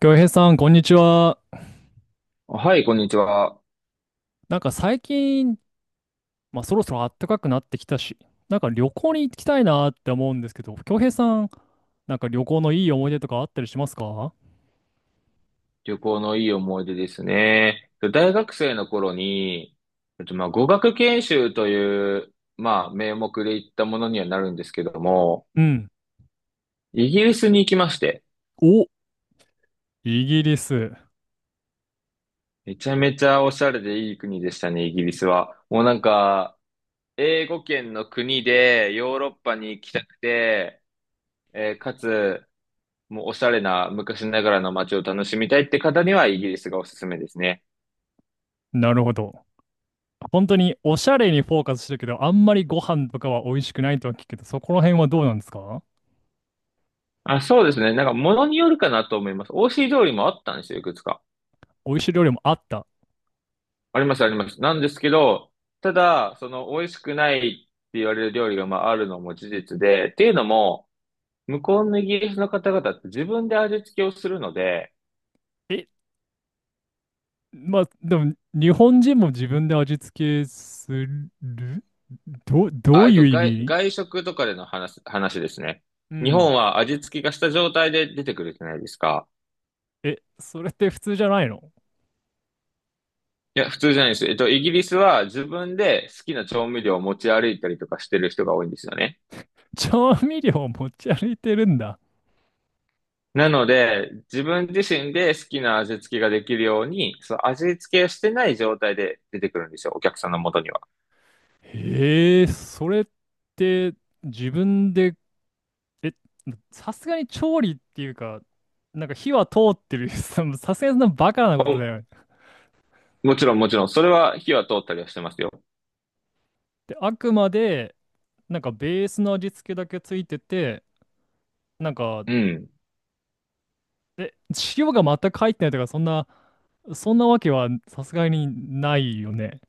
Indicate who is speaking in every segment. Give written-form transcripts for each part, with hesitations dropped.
Speaker 1: 京平さん、こんにちは。
Speaker 2: はい、こんにちは。
Speaker 1: 最近、そろそろ暖かくなってきたし、旅行に行きたいなって思うんですけど、京平さん、旅行のいい思い出とかあったりしますか？
Speaker 2: 旅行のいい思い出ですね。大学生の頃に、まあ、語学研修という、まあ、名目で行ったものにはなるんですけども、
Speaker 1: うん。
Speaker 2: イギリスに行きまして、
Speaker 1: お、イギリス。
Speaker 2: めちゃめちゃおしゃれでいい国でしたね、イギリスは。もうなんか、英語圏の国でヨーロッパに行きたくて、えーかつ、もうおしゃれな昔ながらの街を楽しみたいって方にはイギリスがおすすめですね。
Speaker 1: なるほど。本当におしゃれにフォーカスしてるけど、あんまりご飯とかは美味しくないとは聞くけど、そこら辺はどうなんですか？
Speaker 2: あ、そうですね。なんか、ものによるかなと思います。しい料理もあったんですよ、いくつか。
Speaker 1: 美味しい料理もあった。
Speaker 2: あります、あります。なんですけど、ただ、その、美味しくないって言われる料理が、まあ、あるのも事実で、っていうのも、向こうのイギリスの方々って自分で味付けをするので、
Speaker 1: え、まあ、でも、日本人も自分で味付けするど
Speaker 2: あ、
Speaker 1: ういう意味？
Speaker 2: 外食とかでの話ですね。
Speaker 1: う
Speaker 2: 日
Speaker 1: ん。
Speaker 2: 本は味付けがした状態で出てくるじゃないですか。
Speaker 1: え、それって普通じゃないの？
Speaker 2: いや、普通じゃないです。イギリスは自分で好きな調味料を持ち歩いたりとかしてる人が多いんですよね。
Speaker 1: 調味料を持ち歩いてるんだ。
Speaker 2: なので、自分自身で好きな味付けができるように、その味付けをしてない状態で出てくるんですよ、お客さんの元には。
Speaker 1: へえ、それって自分で、え、さすがに調理っていうか、火は通ってる。さすがにそんなバカなこと
Speaker 2: お
Speaker 1: だよね。
Speaker 2: もちろん、もちろん、それは火は通ったりはしてますよ。
Speaker 1: で、あくまで、ベースの味付けだけついてて、なんか
Speaker 2: うん。
Speaker 1: 塩が全く入ってないとか、そんなわけはさすがにないよね。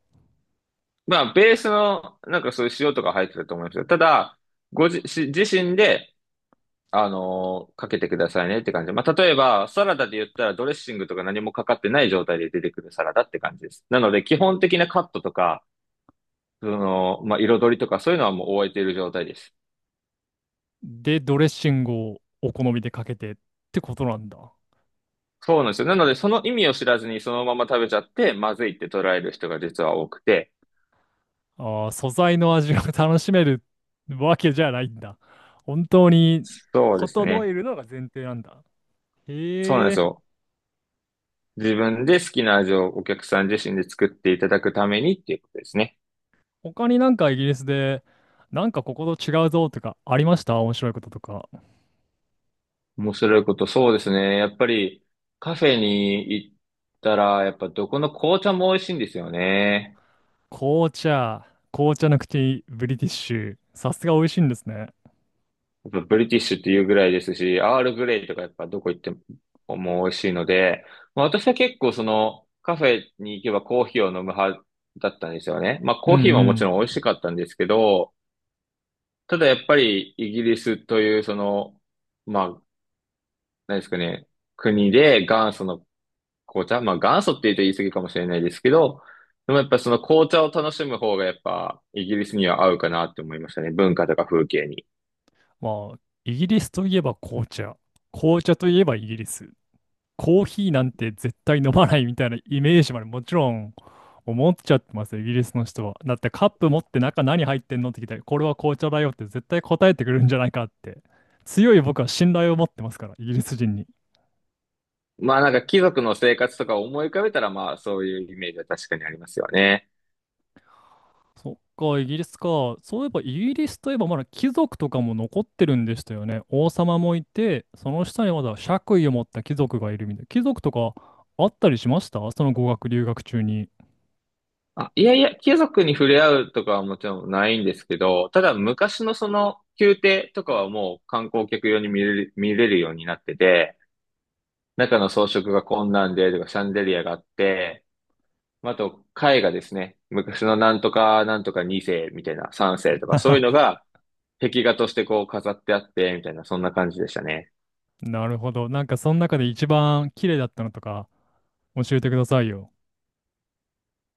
Speaker 2: まあ、ベースの、なんかそういう塩とか入ってると思いますよ。ただ、し自身で、かけてくださいねって感じ。まあ、例えば、サラダで言ったらドレッシングとか何もかかってない状態で出てくるサラダって感じです。なので、基本的なカットとか、その、まあ、彩りとかそういうのはもう終えている状態です。
Speaker 1: で、ドレッシングをお好みでかけてってことなんだ。
Speaker 2: そうなんですよ。なので、その意味を知らずにそのまま食べちゃって、まずいって捉える人が実は多くて、
Speaker 1: ああ、素材の味が 楽しめるわけじゃないんだ。本当に、
Speaker 2: そうです
Speaker 1: 整え
Speaker 2: ね。
Speaker 1: るのが前提なんだ。
Speaker 2: そうなんで
Speaker 1: へ
Speaker 2: す
Speaker 1: ー。
Speaker 2: よ。自分で好きな味をお客さん自身で作っていただくためにっていうことですね。
Speaker 1: 他にイギリスで、ここと違うぞとかありました？面白いこととか。
Speaker 2: 面白いこと、そうですね。やっぱりカフェに行ったら、やっぱどこの紅茶も美味しいんですよね。
Speaker 1: 紅茶、紅茶の口、ブリティッシュ。さすが美味しいんですね。
Speaker 2: やっぱブリティッシュっていうぐらいですし、アールグレイとかやっぱどこ行ってももう美味しいので、まあ、私は結構そのカフェに行けばコーヒーを飲む派だったんですよね。まあ
Speaker 1: うん
Speaker 2: コ
Speaker 1: う
Speaker 2: ーヒーももちろん
Speaker 1: ん。
Speaker 2: 美味しかったんですけど、ただやっぱりイギリスというその、まあ、何ですかね、国で元祖の紅茶、まあ元祖って言うと言い過ぎかもしれないですけど、でもやっぱその紅茶を楽しむ方がやっぱイギリスには合うかなって思いましたね。文化とか風景に。
Speaker 1: まあ、イギリスといえば紅茶。紅茶といえばイギリス。コーヒーなんて絶対飲まないみたいなイメージまでもちろん思っちゃってますよ、イギリスの人は。だってカップ持って中何入ってんのって聞いたら、これは紅茶だよって絶対答えてくるんじゃないかって。強い僕は信頼を持ってますから、イギリス人に。
Speaker 2: まあなんか貴族の生活とかを思い浮かべたらまあそういうイメージは確かにありますよね。
Speaker 1: そっか、イギリスか。そういえば、イギリスといえば、まだ貴族とかも残ってるんでしたよね。王様もいて、その下にまだ爵位を持った貴族がいるみたいな。貴族とかあったりしました？その語学留学中に。
Speaker 2: あ、いやいや、貴族に触れ合うとかはもちろんないんですけど、ただ昔のその宮廷とかはもう観光客用に見れるようになってて、中の装飾がこんなんでとかシャンデリアがあって、まあと絵画ですね。昔のなんとかなんとか2世みたいな3世とかそういう のが壁画としてこう飾ってあってみたいなそんな感じでしたね。
Speaker 1: なるほど。なんか、その中で一番綺麗だったのとか、教えてくださいよ。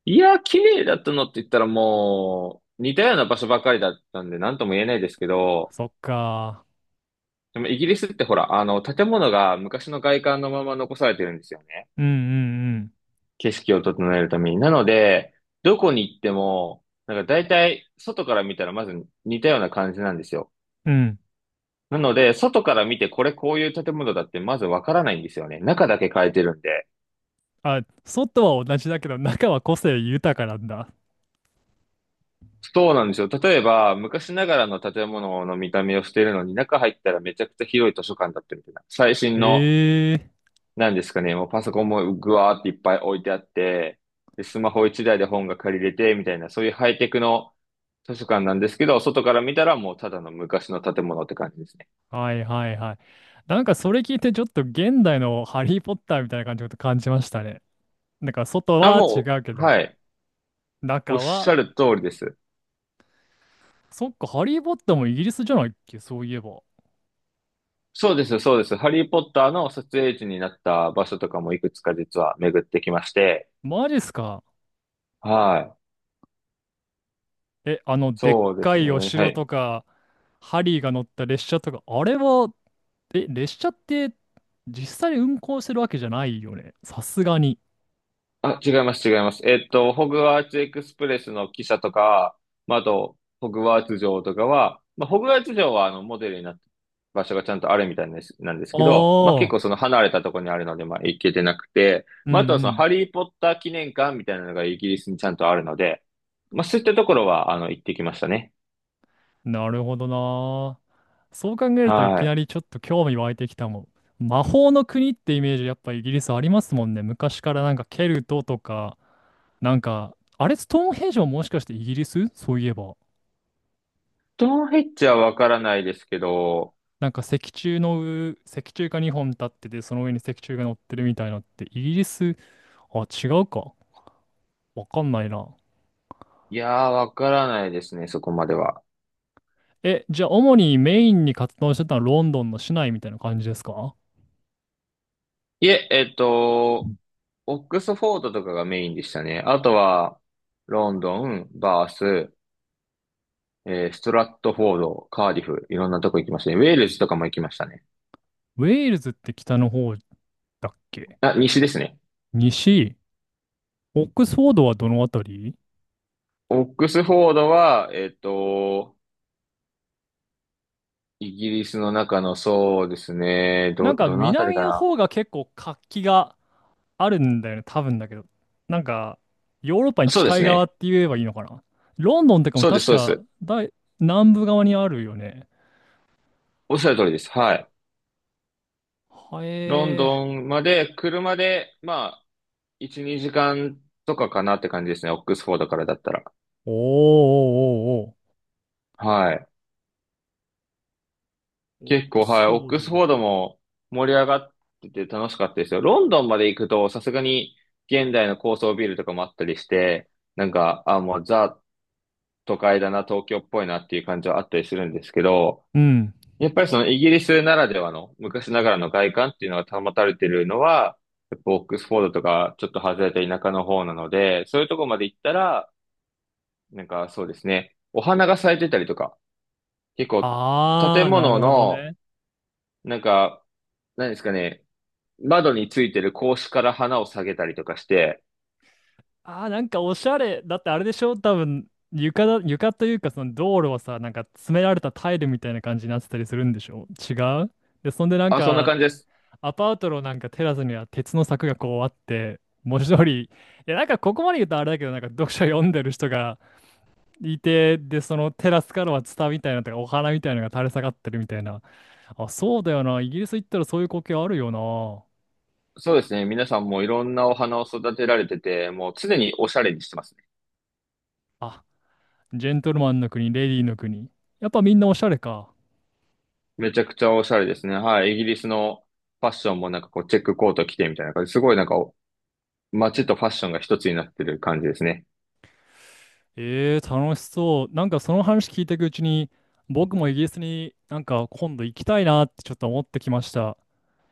Speaker 2: いや、綺麗だったのって言ったらもう、似たような場所ばかりだったんで、なんとも言えないですけど、
Speaker 1: そっか。
Speaker 2: でもイギリスってほら、あの、建物が昔の外観のまま残されてるんですよね。
Speaker 1: うんうんうん。
Speaker 2: 景色を整えるために。なので、どこに行っても、なんか大体、外から見たらまず似たような感じなんですよ。
Speaker 1: うん。
Speaker 2: なので、外から見てこれこういう建物だってまずわからないんですよね。中だけ変えてるんで。
Speaker 1: あ、外は同じだけど中は個性豊かなんだ。
Speaker 2: そうなんですよ。例えば、昔ながらの建物の見た目をしているのに、中入ったらめちゃくちゃ広い図書館だったみたいな。最新の、
Speaker 1: ええ。
Speaker 2: なんですかね、もうパソコンもぐわーっていっぱい置いてあって、で、スマホ一台で本が借りれて、みたいな、そういうハイテクの図書館なんですけど、外から見たらもうただの昔の建物って感じですね。
Speaker 1: はいはいはい。なんかそれ聞いてちょっと現代のハリー・ポッターみたいな感じのこと感じましたね。なんか外
Speaker 2: あ、
Speaker 1: は違
Speaker 2: も
Speaker 1: うけ
Speaker 2: う、
Speaker 1: ど、
Speaker 2: はい。おっ
Speaker 1: 中
Speaker 2: し
Speaker 1: は、
Speaker 2: ゃる通りです。
Speaker 1: そっか、ハリー・ポッターもイギリスじゃないっけ、そういえば。
Speaker 2: そうです、そうです。ハリー・ポッターの撮影地になった場所とかもいくつか実は巡ってきまして、
Speaker 1: マジっすか。
Speaker 2: はい。
Speaker 1: え、あの、でっ
Speaker 2: そうで
Speaker 1: か
Speaker 2: す
Speaker 1: い
Speaker 2: ね。
Speaker 1: お
Speaker 2: は
Speaker 1: 城
Speaker 2: い。
Speaker 1: とか、ハリーが乗った列車とか、あれは、え、列車って実際運行してるわけじゃないよね。さすがに。
Speaker 2: あ、違います、違います。ホグワーツエクスプレスの汽車とか、まあ、あと、ホグワーツ城とかは、まあ、ホグワーツ城は、あの、モデルになって、場所がちゃんとあるみたいです、なんですけど、まあ、結
Speaker 1: ああ、
Speaker 2: 構その離れたところにあるので、まあ、行けてなくて、
Speaker 1: う
Speaker 2: まあ、あと
Speaker 1: ん
Speaker 2: は
Speaker 1: う
Speaker 2: その、
Speaker 1: ん。
Speaker 2: ハリーポッター記念館みたいなのがイギリスにちゃんとあるので、まあ、そういったところは、あの、行ってきましたね。
Speaker 1: なるほどな。そう考えるとい
Speaker 2: は
Speaker 1: きな
Speaker 2: い。
Speaker 1: りちょっと興味湧いてきたもん。魔法の国ってイメージやっぱイギリスありますもんね。昔からなんかケルトとか、なんか、あれストーンヘンジももしかしてイギリス？そういえば、
Speaker 2: ストーンヘッジはわからないですけど、
Speaker 1: 石柱の上、石柱が2本立ってて、その上に石柱が乗ってるみたいなってイギリス、あ、違うか。わかんないな。
Speaker 2: いやー、わからないですね、そこまでは。
Speaker 1: え、じゃあ主にメインに活動してたのはロンドンの市内みたいな感じですか？
Speaker 2: いえ、オックスフォードとかがメインでしたね。あとは、ロンドン、バース、ストラットフォード、カーディフ、いろんなとこ行きましたね。ウェールズとかも行きましたね。
Speaker 1: ウェールズって北の方だっけ？
Speaker 2: あ、西ですね。
Speaker 1: 西。オックスフォードはどのあたり？
Speaker 2: オックスフォードは、イギリスの中の、そうですね、
Speaker 1: なんか
Speaker 2: どのあたり
Speaker 1: 南
Speaker 2: か
Speaker 1: の
Speaker 2: な。
Speaker 1: 方が結構活気があるんだよね、多分だけど。なんか、ヨーロッパに
Speaker 2: そうで
Speaker 1: 近
Speaker 2: す
Speaker 1: い側っ
Speaker 2: ね。
Speaker 1: て言えばいいのかな。ロンドンとかも
Speaker 2: そうです、
Speaker 1: 確
Speaker 2: そうで
Speaker 1: か
Speaker 2: す。
Speaker 1: 大南部側にあるよね。
Speaker 2: おっしゃる通りです。はい。
Speaker 1: は
Speaker 2: ロン
Speaker 1: えー。
Speaker 2: ドンまで、車で、まあ、1、2時間とかかなって感じですね。オックスフォードからだったら。
Speaker 1: おーお
Speaker 2: はい。
Speaker 1: ーおーおー。オッ
Speaker 2: 結
Speaker 1: ク
Speaker 2: 構、は
Speaker 1: ス
Speaker 2: い、
Speaker 1: フォ
Speaker 2: オッ
Speaker 1: ー
Speaker 2: ク
Speaker 1: ド。
Speaker 2: スフォードも盛り上がってて楽しかったですよ。ロンドンまで行くと、さすがに現代の高層ビルとかもあったりして、なんか、あ、もうザ都会だな、東京っぽいなっていう感じはあったりするんですけど、
Speaker 1: うん。
Speaker 2: やっぱりそのイギリスならではの昔ながらの外観っていうのが保たれてるのは、やっぱオックスフォードとかちょっと外れた田舎の方なので、そういうとこまで行ったら、なんかそうですね、お花が咲いてたりとか、結構
Speaker 1: あ
Speaker 2: 建
Speaker 1: ー、な
Speaker 2: 物
Speaker 1: るほど
Speaker 2: の
Speaker 1: ね。
Speaker 2: なんか、何ですかね、窓についてる格子から花を下げたりとかして、
Speaker 1: ああ、なんかおしゃれ。だってあれでしょ多分、床というかその道路はさ、なんか詰められたタイルみたいな感じになってたりするんでしょ違う？で、そんでなん
Speaker 2: あ、そんな
Speaker 1: か、
Speaker 2: 感じです。
Speaker 1: アパートのなんかテラスには鉄の柵がこうあって、文字通り、いやなんかここまで言うとあれだけど、なんか読書読んでる人がいて、で、そのテラスからはツタみたいなのとかお花みたいなのが垂れ下がってるみたいな。あ、そうだよな。イギリス行ったらそういう光景あるよな。
Speaker 2: そうですね。皆さんもいろんなお花を育てられてて、もう常におしゃれにしてますね。
Speaker 1: あ、ジェントルマンの国、レディーの国。やっぱみんなおしゃれか。
Speaker 2: めちゃくちゃおしゃれですね。はい。イギリスのファッションもなんかこうチェックコート着てみたいな感じ。すごいなんかお街とファッションが一つになってる感じですね。
Speaker 1: えー、楽しそう。なんかその話聞いていくうちに、僕もイギリスになんか今度行きたいなってちょっと思ってきました。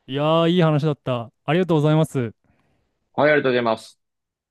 Speaker 1: いやー、いい話だった。ありがとうございます。
Speaker 2: はい、ありがとうございます。